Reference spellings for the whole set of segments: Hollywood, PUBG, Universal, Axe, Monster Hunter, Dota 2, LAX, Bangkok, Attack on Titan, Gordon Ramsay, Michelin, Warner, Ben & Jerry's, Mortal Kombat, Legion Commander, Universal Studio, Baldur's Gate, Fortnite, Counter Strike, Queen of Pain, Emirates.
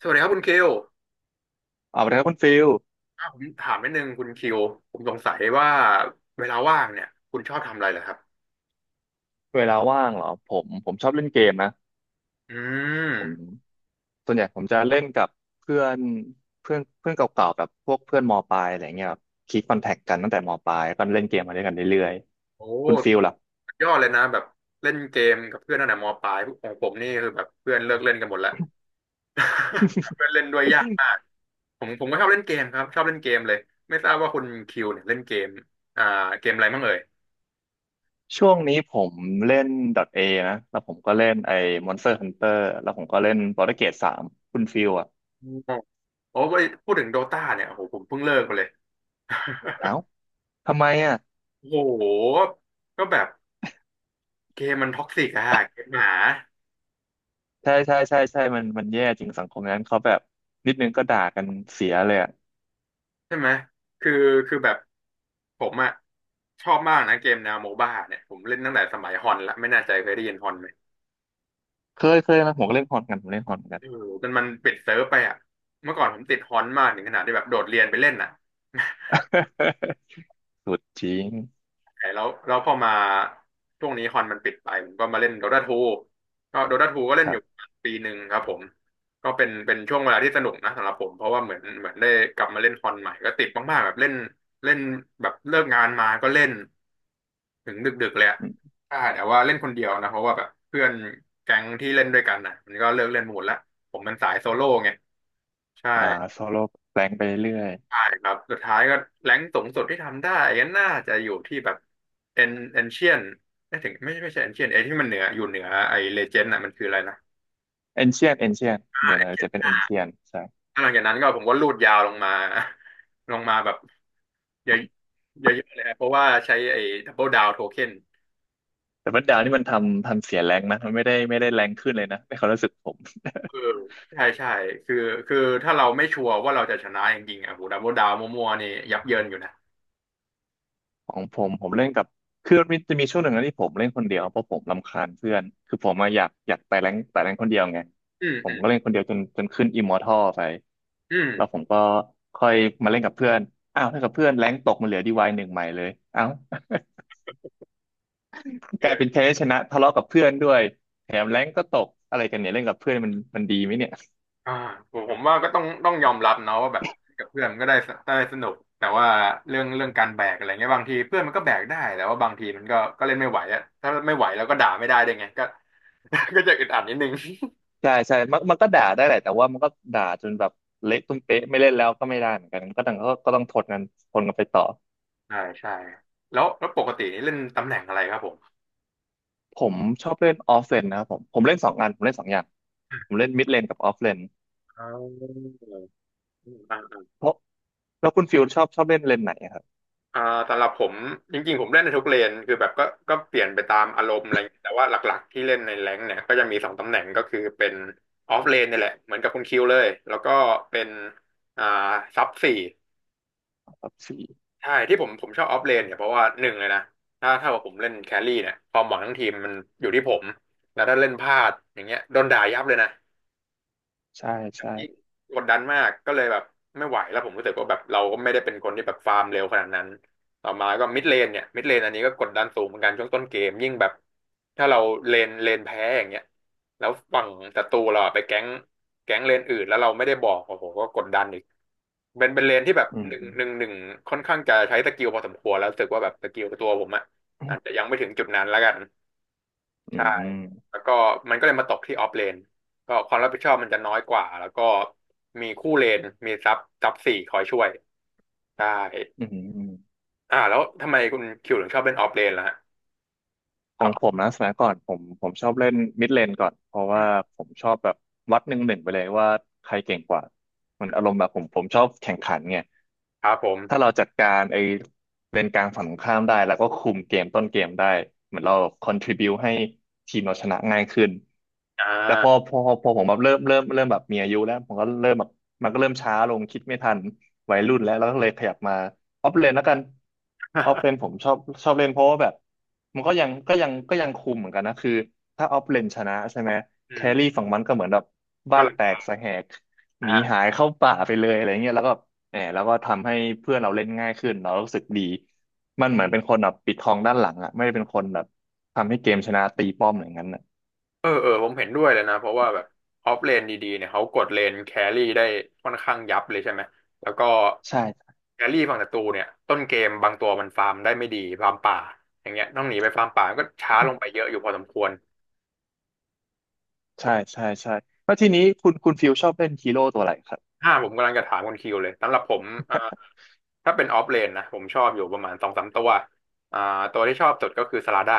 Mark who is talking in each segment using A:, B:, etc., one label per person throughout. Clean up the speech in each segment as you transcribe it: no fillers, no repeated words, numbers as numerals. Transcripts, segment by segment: A: สวัสดีครับคุณคิว
B: สวัสดีครับคุณฟิล
A: อ่ะผมถามนิดนึงคุณคิวผมสงสัยว่าเวลาว่างเนี่ยคุณชอบทำอะไรเหรอครับ
B: เวลาว่างเหรอผมชอบเล่นเกมนะ
A: อื
B: ผม
A: ม
B: ส่วนใหญ่ผมจะเล่นกับเพื่อนเพื่อนเพื่อนเก่าๆแบบพวกเพื่อนมปลายอะไรเงี้ยคีปคอนแทคกันตั้งแต่มปลายก็เล่นเกมมาด้วยกันเรื่อย
A: โอ้
B: ๆคุณฟิลล่ะ
A: สุดยอดเลยนะแบบเล่นเกมกับเพื่อนตั้งแต่มปลายของผมนี่คือแบบเพื่อนเลิกเล่นกันหมดแล้ว หาเพื่อนเล่นด้วยยากมากผมก็ชอบเล่นเกมครับชอบเล่นเกมเลยไม่ทราบว่าคุณคิวเนี่ยเล่นเกมอ่าเกมอะไรบ้างเอ่ย
B: ช่วงนี้ผมเล่น .A นะแล้วผมก็เล่นไอ้ Monster Hunter แล้วผมก็เล่น Baldur's Gate 3คุณฟิลอ่ะ
A: อืมโอ้ยพูดถึงโดตาเนี่ยโอ้โหผมเพิ่งเลิกไปเลย
B: เอ้าทำไมอ่ะ
A: โอ้โหก็แบบเกมมันท็อกซิกอะเกมหมา
B: ใช่ใช่ใช่ใช่มันแย่จริงสังคมนั้นเขาแบบนิดนึงก็ด่ากันเสียเลยอะ
A: ใช่ไหม คือคือแบบผมอะชอบมากนะเกมแนวโมบ้าเนี่ย ผมเล่นตั้งแต่สมัยฮอนละไม่แน่ใจเคยได้ยินฮอนไหม
B: เคยนะผมก็เล่นฮอนกันผมเล่นฮอนกัน
A: เออจนมันปิดเซิร์ฟไปอะเมื่อก่อนผมติดฮอนมากถึงขนาดที่แบบโดดเรียนไปเล่นน่ะ
B: สุดจริง
A: แต่แล้วพอมาช่วงนี้ฮอนมันปิดไปผมก็มาเล่นโด t a าทูก็โดตาทูก็เล่
B: ค
A: นอ
B: รั
A: ยู่
B: บ
A: ปีหนึ่งครับผม ก็เป็นช่วงเวลาที่สนุกนะสำหรับผมเพราะว่าเหมือนได้กลับมาเล่นฮอนใหม่ก็ติดมากๆแบบเล่นเล่นแบบเลิกงานมาก็เล่น ถึงดึกๆเลยอะ
B: อม
A: ถ้าแต่ว่าเล่นคนเดียวนะเพราะว่าแบบเพื่อนแก๊งที่เล่นด้วยกันนะมันก็เลิกเล่นหมดละผมเป็นสายโซโล่ไงใช่
B: อ่าโซโล่แปลงไปเรื่อย
A: ใช่ครับสุดท้ายก็แรงค์สูงสุดที่ทำได้ก็น่าจะอยู่ที่แบบเอ็นเอ็นเชียนไม่ถึงไม่ใช่เอ็นเชียนไอ้ที่มันเหนืออยู่เหนือไอ้เลเจนด์น่ะมันคืออะไรนะ
B: เอนเชียนเอนเชียนเดี๋ยวนะจะ
A: Ancient
B: เป็นเอนเชียนใช่
A: แล้วหลังจากนั้นก็ผมก็ลูดยาวลงมา ลงมาแบบเยอะเยอะๆเลยนะเพราะว่าใช้ไอ้ดับเบิลดาวโทเค็น
B: แต่บัดดาวนี่มันทำเสียแรงนะมันไม่ได้แรงขึ้นเลยนะในความรู้สึกผม
A: เออใช่ใช่คือคือถ้าเราไม่ชัวร์ว่าเราจะชนะจริงๆอ่ะโหดับเบิลดาวมัวๆนี่ยับเยินอยู่นะ
B: ของผมเล่นกับคือมันมีจะมีช่วงหนึ่งนะที่ผมเล่นคนเดียวเพราะผมรำคาญเพื่อนคือผมมาอะอยากไต่แรงคนเดียวไง
A: อืม
B: ผ
A: อื
B: ม
A: ม
B: ก็เล่นคนเดียวจนขึ้นอิมมอร์ทัลไป
A: อื
B: แล้วผ
A: ม
B: มก็ค่อยมาเล่นกับเพื่อนอ้าวถ้ากับเพื่อนแรงตกมันเหลือดีวายหนึ่งใหม่เลยเอ้า
A: เอ
B: กลายเป็น
A: อ
B: แพ้ชนะทะเลาะกับเพื่อนด้วยแถมแรงก็ตกอะไรกันเนี่ยเล่นกับเพื่อนมันดีไหมเนี่ย
A: อ่าผมว่าก็ต้องยอมรับเนาะว่าแบบกับเพื่อนมันก็ได้สนุกแต่ว่าเรื่องการแบกอะไรเงี้ยบางทีเพื่อนมันก็แบกได้แต่ว่าบางทีมันก็เล่นไม่ไหวอะถ้าไม่ไหวแล้วก็ด่าไม่ได้ด้วยไงก็ ก็จะอึดอัดนิดนึง
B: ใช่ใช่มันก็ด่าได้แหละแต่ว่ามันก็ด่าจนแบบเละตุ้มเป๊ะไม่เล่นแล้วก็ไม่ได้เหมือนกันก็ต้องทนกันทนกันไปต่อ
A: ใช่ใช่แล้วปกตินี่เล่นตำแหน่งอะไรครับผม
B: ผมชอบเล่นออฟเลนนะครับผมเล่นสองอันผมเล่นสองอย่างผมเล่นมิดเลนกับออฟเลน
A: อ๋อ
B: เพราะแล้วคุณฟิลชอบชอบเล่นเลนไหนอะครับ
A: อ่าสำหรับผมจริงๆ ผมเล่นในทุกเลนคือแบบก็เปลี่ยนไปตามอารมณ์อะไรอย่างเงี้ยแต่ว่าหลักๆที่เล่นในแรงค์เนี่ยก็จะมีสองตำแหน่งก็คือเป็นออฟเลนนี่แหละเหมือนกับคุณคิวเลย แล้วก็เป็นอ่าซับสี่
B: แบบสี่
A: ใช่ที่ผมชอบออฟเลนเนี่ยเพราะว่าหนึ่งเลยนะถ้าว่าผมเล่นแครี่เนี่ยความหวังทั้งทีมมันอยู่ที่ผมแล้วถ้าเล่นพลาดอย่างเงี้ยโดนด่ายับเลยนะ
B: ใช่ใช่
A: ยิ่งกดดันมากก็เลยแบบไม่ไหวแล้วผมรู้สึกว่าแบบเราก็ไม่ได้เป็นคนที่แบบฟาร์มเร็วขนาดนั้นต่อมาก็มิดเลนเนี่ยมิดเลนอันนี้ก็กดดันสูงเหมือนกันช่วงต้นเกมยิ่งแบบถ้าเราเลนแพ้อย่างเงี้ยแล้วฝั่งศัตรูเราอะไปแก๊งเลนอื่นแล้วเราไม่ได้บอกโอ้โหก็กดดันอีกเป็นเลนที่แบบ
B: อื
A: ห
B: ม
A: นึ่งหนึ่งหนึ่งค่อนข้างจะใช้สกิลพอสมควรแล้วรู้สึกว่าแบบสกิลตัวผมอะอาจจะยังไม่ถึงจุดนั้นแล้วกัน
B: อื
A: ใช่
B: มอืม
A: แล้วก็มันก็เลยมาตกที่ออฟเลนก็ความรับผิดชอบมันจะน้อยกว่าแล้วก็มีคู่เลนมีซับสี่คอยช่วยใช่
B: อืม
A: อ่าแล้วทำไมคุณคิวถึงชอบเล่นออฟเลนล่ะฮะ
B: ข
A: ค
B: อ
A: รั
B: งผม
A: บ
B: นะสมัยก่อนผมชอบเล่นมิดเลนก่อนเพราะ
A: อื
B: ว่า
A: ม
B: ผมชอบแบบวัดหนึ่งหนึ่งไปเลยว่าใครเก่งกว่ามันอารมณ์แบบผมชอบแข่งขันไง
A: ครับผม
B: ถ้าเราจัดการไอ้เลนกลางฝั่งตรงข้ามได้แล้วก็คุมเกมต้นเกมได้เหมือนเรา contribu ให้ทีมเราชนะง่ายขึ้น
A: อ่า
B: แต่พอผมแบบเริ่มแบบมีอายุแล้วผมก็เริ่มแบบมันก็เริ่มช้าลงคิดไม่ทันวัยรุ่นแล้วก็เลยขยับมา ออฟเลนแล้วกันออฟเลนผ มชอบชอบเล่นเพราะว่าแบบมันก็ยังคุมเหมือนกันนะคือถ้าออฟเลนชนะใช่ไหม
A: อื
B: แค
A: ม
B: รี่ฝั่งมันก็เหมือนแบบ
A: ก็
B: บ้าน
A: เลย
B: แตกสะแหกห
A: นะ
B: นี
A: ฮะ
B: หายเข้าป่าไปเลยอะไรเงี้ยแล้วก็แหมแล้วก็ทำให้เพื่อนเราเล่นง่ายขึ้นเรารู้สึกดีมันเหมือนเป็นคนแบบปิดทองด้านหลังอ่ะไม่ได้เป็นคนแบบทำให้เกมชนะตีป้อมอย่างนั้นอ่ะ
A: เออเออผมเห็นด้วยเลยนะเพราะว่าแบบออฟเลนดีๆเนี่ยเขากดเลนแครี่ได้ค่อนข้างยับเลยใช่ไหมแล้วก็
B: ใช่
A: แครี่ฝั่งศัตรูเนี่ยต้นเกมบางตัวมันฟาร์มได้ไม่ดีฟาร์มป่าอย่างเงี้ยต้องหนีไปฟาร์มป่าก็ช้าลงไปเยอะอยู่พอสมควร
B: ใช่ใช่ใช่แล้วทีนี้คุณคุณฟิลชอบเล่นฮีโร่ตัวอะไรครับ
A: อ่าผมกำลังจะถามคุณคิวเลยสำหรับผมอ่าถ้าเป็นออฟเลนนะผมชอบอยู่ประมาณสองสามตัวอ่าตัวที่ชอบสุดก็คือสลาด้า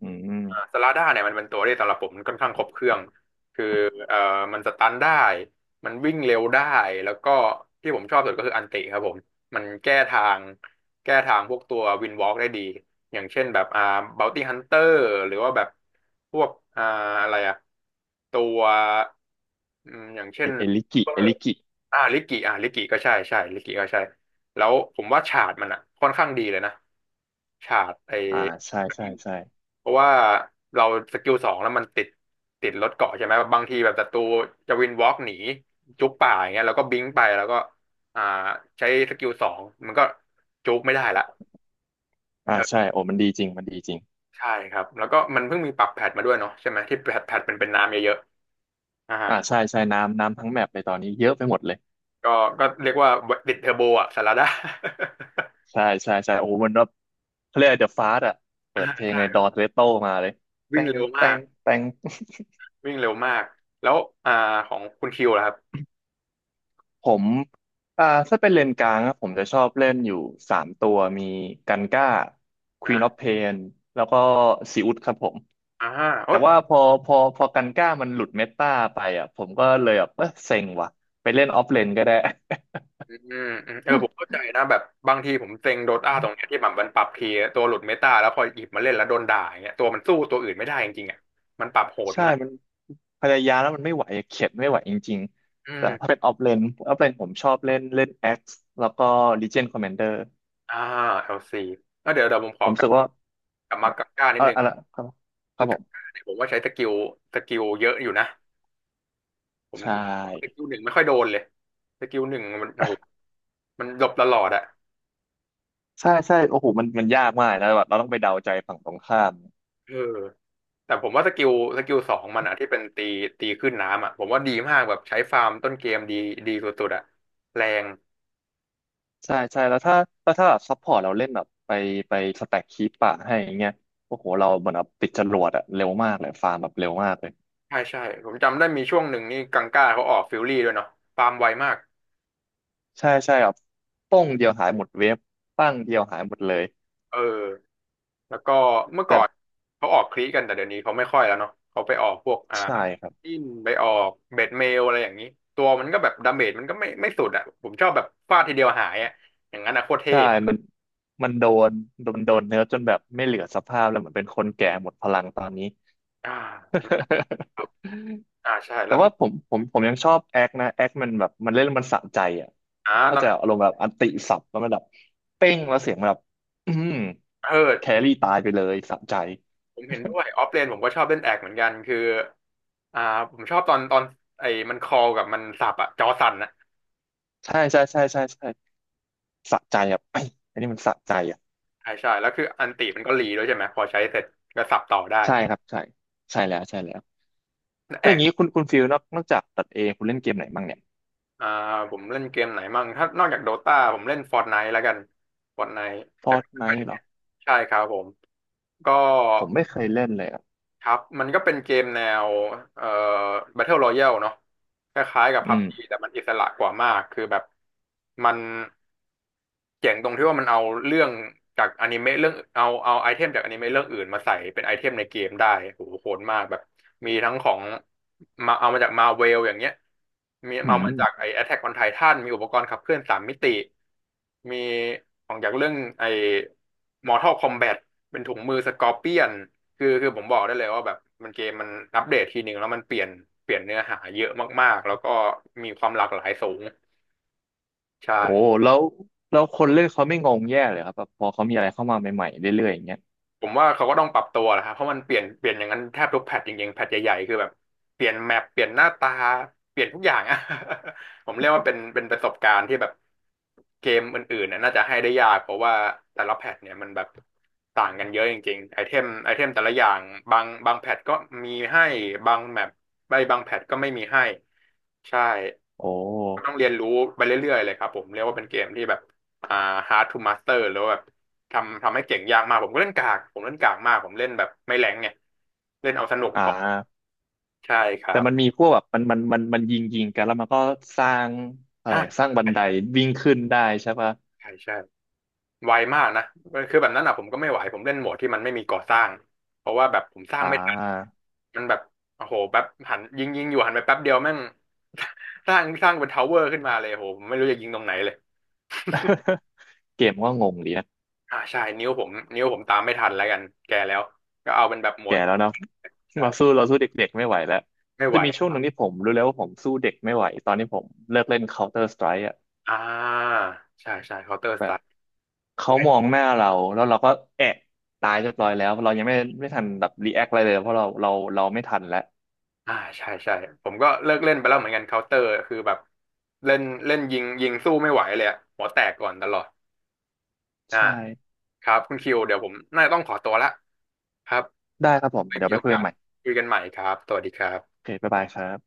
B: อืม
A: สลาด้าเนี่ยมันเป็นตัวที่สำหรับผมมันค่อนข้างครบเครื่องคือเอ่อมันสตันได้มันวิ่งเร็วได้แล้วก็ที่ผมชอบสุดก็คืออันติครับผมมันแก้ทางแก้ทางพวกตัววินวอล์กได้ดีอย่างเช่นแบบบ o วตี้ฮันเตอร์หรือว่าแบบพวกอ่าอะไรอะตัวอย่างเช่
B: เอ
A: น
B: เอลิกิเอลิกิ
A: อ่าลิกิก็ใช่ลิกิก็ใช่แล้วผมว่าฉากมันอ่ะค่อนข้างดีเลยนะฉากไอ้
B: อ่าใช่ใช่ใช่
A: เพราะว่าเราสกิลสองแล้วมันติดรถเกาะใช่ไหมบางทีแบบศัตรูจะวินวอล์กหนีจุกป่าอย่างเงี้ยแล้วก็บิงไปแล้วก็อ่าใช้สกิลสองมันก็จุกไม่ได้ละ
B: อ่า
A: เออ
B: ใช่โอ้มันดีจริงมันดีจริง
A: ใช่ครับแล้วก็มันเพิ่งมีปรับแพทมาด้วยเนาะใช่ไหมที่แพทเป็นน้ำเยอะๆ
B: อ่าใช่ใช่น้ำทั้งแมปเลยตอนนี้เยอะไปหมดเลย
A: ก็เรียกว่าติดเทอร์โบอ่ะสารดา
B: ใช่ใช่ใช่โอ้มันแบบเขาเรียกเดอะฟาสอะเปิ
A: ดา
B: ด เพลงในด
A: ใช่
B: อ์เรโต้มาเลยแต
A: วิ่ง
B: ง
A: เร็ว
B: แต
A: มา
B: ง
A: ก
B: แตง
A: วิ่งเร็วมาก แล้วอ่าของคุณคิวล่ะครับ
B: ผมอ่าถ้าเป็นเลนกลางอะผมจะชอบเล่นอยู่สามตัวมีกันก้า Queen of
A: อ่า
B: Pain แล้วก็ซีอุดครับผม
A: อ่า
B: แต่
A: โอ๊ต
B: ว่าพอกันก้ามันหลุดเมตาไปอ่ะผมก็เลยแบบเออเซ็งว่ะไปเล่นออฟเลนก็ได้
A: อือืมเออผมเข้าใจนะแบบบางทีผมเซ็งโดต้าตรงเนี้ยที่แบบมันปรับทีตัวหลุดเมตาแล้วพอหยิบมาเล่นแล้วโดนด่าอย่างเงี้ยตัวมันสู้ตัวอื่นไม่ได้จริงๆอ่ะมันปรับโห ด
B: ใช่
A: มาก
B: มัน พยายามแล้วมันไม่ไหวอะเข็ดไม่ไหวจริง
A: อื
B: ๆแต่ถ้าเป็
A: ม
B: นออฟเลนออฟเลนผมชอบเล่นเล่นแอ็กซ์แล้วก็ลีเจียนคอม m มนเดอร์
A: อ่า LC แอล้วเดี๋ยวผมข
B: ผ
A: อ
B: ม
A: ก
B: รู้
A: ลับ
B: สึกว่า
A: กลับมากาก้านิ
B: เอ
A: ด
B: อ
A: นึง
B: อะไรครับครั
A: คื
B: บ
A: อ
B: ผ
A: กา
B: ม
A: ก้าเนี่ยผมว่าใช้สกิลเยอะอยู่นะผม
B: ใช
A: ส
B: ่
A: กิลหนึ่งไม่ค่อยโดนเลยสกิลหนึ่งมันโอ้โหมันหลบตลอดอะ
B: ใช่ใช่โอ้โหมันมันยากมากนะแบบเราต้องไปเดาใจฝั่งตรงข้าม
A: เออ แต่ผมว่าสกิลสองมันอ่ะที่เป็นตีขึ้นน้ำอ่ะผมว่าดีมากแบบใช้ฟาร์มต้นเกมดีดีสุดๆอ่ะแรง
B: ใช่ใช่แล้วถ้าแล้วถ้าแบบซัพพอร์ตเราเล่นแบบไปสแต็กคีปป่าให้อย่างเงี้ยโอ้โหเราเหมือนแบบติดจรวดอะเร็วมากเลยฟาร์มแบบเร็วมากเลย
A: ใช่ผมจำได้มีช่วงหนึ่งนี่กังก้าเขาออกฟิลลี่ด้วยเนาะฟาร์มไวมาก
B: ใช่ใช่แบบป้งเดียวหายหมดเวฟปั้งเดียวหายหมดเลย
A: เออแล้วก็เมื่อก่
B: แต่
A: อนเขาออกคลีกันแต่เดี๋ยวนี้เขาไม่ค่อยแล้วเนาะเขาไปออกพวก
B: ใช่ครับ
A: อินไปออกเบ็ดเมลอะไรอย่างนี้ตัวมันก็แบบดาเมจมันก็ไม่สุดอ่ะผมชอบแบบฟาดทีเดียวหายอ่ะอย่างนั้นอ่ะโคตรเท่
B: ใช่มันมันโดนเนื้อจนแบบไม่เหลือสภาพแล้วเหมือนเป็นคนแก่หมดพลังตอนนี้
A: อ่าครับอ่าใช่
B: แต่
A: แล้ว
B: ว่าผมยังชอบแอคนะแอคมันแบบมันเล่นแล้วมันสะใจอ่ะ
A: อ่าต
B: เข้า
A: อ
B: ใจ
A: น
B: อารมณ์แบบอันติสับแล้วมันแบบเป้งแล้วเสียงแบบอืม
A: เออ
B: แครี่ตายไปเลยสะใจ
A: ผมเห็นด้วยออฟเลนผมก็ชอบเล่นแอกเหมือนกันคืออ่าผมชอบตอนไอ้มันคอลกับมันสับอะจอสั่นอะ
B: ใช่ ใช่ใช่ใช่ใช่สะใจอ่ะไอยอันนี้มันสะใจอ่ะ
A: ใช่ใช่แล้วคืออันติมันก็รีด้วยใช่ไหม พอใช้เสร็จก็สับต่อได้
B: ใช่ครับ ใช่ ใช่แล้วใช่แล้ว
A: แอ
B: แล้วอ
A: ก
B: ย่างนี้คุณคุณฟิลนอกจากตัดเองคุณเล่นเกมไหนบ้างเนี่ย
A: อ่าผมเล่นเกมไหนมั่งถ้านอกจากโดตาผมเล่นฟอร์ n ไน e แล้วกันฟอร์ n ไน e
B: ฟ
A: แต่
B: อร์ต
A: ก็
B: ไน
A: ไม่ได้
B: ท์เหร
A: เล่
B: อ
A: นใช่ครับผม ก็
B: ผมไม่เคยเล่นเลยอ่ะ
A: ครับมันก็เป็นเกมแนวเอ่อ Battle Royale เนาะคล้ายๆกับ
B: อืม
A: PUBG แต่มันอิสระกว่ามากคือแบบมันเจ๋งตรงที่ว่ามันเอาเรื่องจากอนิเมะเรื่องเอาไอเทมจากอนิเมะเรื่องอื่นมาใส่เป็นไอเทมในเกมได้โหโหดมากแบบมีทั้งของมาเอามาจากมาเวลอย่างเงี้ยมี
B: อื
A: เอา
B: ม
A: มาจากไอ Attack on Titan มีอุปกรณ์ขับเคลื่อนสามมิติมีของจากเรื่องไอ Mortal Kombat เป็นถุงมือสกอร์เปียน คือผมบอกได้เลยว่าแบบมันเกมมันอัปเดตทีหนึ่งแล้วมันเปลี่ยนเนื้อหาเยอะมากๆแล้วก็มีความหลากหลายสูงใช่
B: โอ้แล้วแล้วคนเล่นเขาไม่งงแย่เลยครับแบบพอเขามีอะไรเข้ามาใหม่ๆเรื่อยๆอย่างเงี้ย
A: ผมว่าเขาก็ต้องปรับตัวแหละครับเพราะมันเปลี่ยนอย่างนั้นแทบทุกแพทจริงๆแพทใหญ่ๆคือแบบเปลี่ยนแมปเปลี่ยนหน้าตาเปลี่ยนทุกอย่างอะ ผมเรียกว่าเป็นประสบการณ์ที่แบบเกมอื่นๆน่ะน่าจะให้ได้ยากเพราะว่าแต่ละแพทเนี่ยมันแบบต่างกันเยอะจริงๆไอเทมแต่ละอย่างบางแพทก็มีให้บางแมปใบบางแพทก็ไม่มีให้ใช่
B: โอ้
A: ต้องเรียนรู้ไปเรื่อยๆเลยครับผมเรียกว่าเป็นเกมที่แบบอ่า hard to master หรือว่าแบบ ทำให้เก่งยากมากผมก็เล่นกากผมเล่นกากมากผมเล่นแบบไม่แรงไงเล่นเอาสนุก
B: อ่
A: พอ
B: า
A: ใช่ครั
B: แต่
A: บ
B: มันมีพวกแบบมันยิงยิงกันแล้วมันก็สร้างอะไรส
A: ใช่
B: ร้างบันไดวิ่งขึ้นได้ใช่ปะ
A: ใช่ไวมากนะคือแบบนั้นอ่ะผมก็ไม่ไหวผมเล่นโหมดที่มันไม่มีก่อสร้างเพราะว่าแบบผมสร้าง
B: อ่า
A: ไม่ทันมันแบบโอ้โหแป๊บหันยิงอยู่หันไปแป๊บเดียวแม่ง สร้างเป็นทาวเวอร์ขึ้นมาเลยโหผมไม่รู้จะยิงตรงไหนเลย
B: เกมก็งงดีนะ
A: อ่าใช่นิ้วผมตามไม่ทันแล้วกันแก่แล้วก็เอาเป็นแบบหม
B: แก่
A: ด
B: แล้วเนาะ
A: ใช่
B: มาสู้เราสู้เด็กๆไม่ไหวแล้ว
A: ไม่ไหว
B: จะมีช่วงหนึ่งที่ผมรู้แล้วว่าผมสู้เด็กไม่ไหวตอนนี้ผมเลิกเล่น Counter Strike อ
A: อ่าใช่เคาน์เตอร์สไต
B: ะ
A: ล์
B: เขามองหน้าเราแล้วเราก็แอะตายเรียบร้อยแล้วเรายังไม่ทันแบบรีแอคอะไรเลยเพราะเราไม่ทันแล้ว
A: อ่าใช่ผมก็เลิกเล่นไปแล้วเหมือนกันเคาน์เตอร์คือแบบเล่นเล่นยิงสู้ไม่ไหวเลยอะหัวแตกก่อนตลอดอ่า
B: ใช่
A: ครับคุณคิวเดี๋ยวผมน่าจะต้องขอตัวละครับ
B: ได้ครับผม
A: ไม่
B: เดี๋ย
A: มี
B: วไป
A: โอ
B: คุย
A: กา
B: กันให
A: ส
B: ม่
A: คุยกันใหม่ครับสวัสดีครั
B: โอ
A: บ
B: เคบ๊ายบายครับ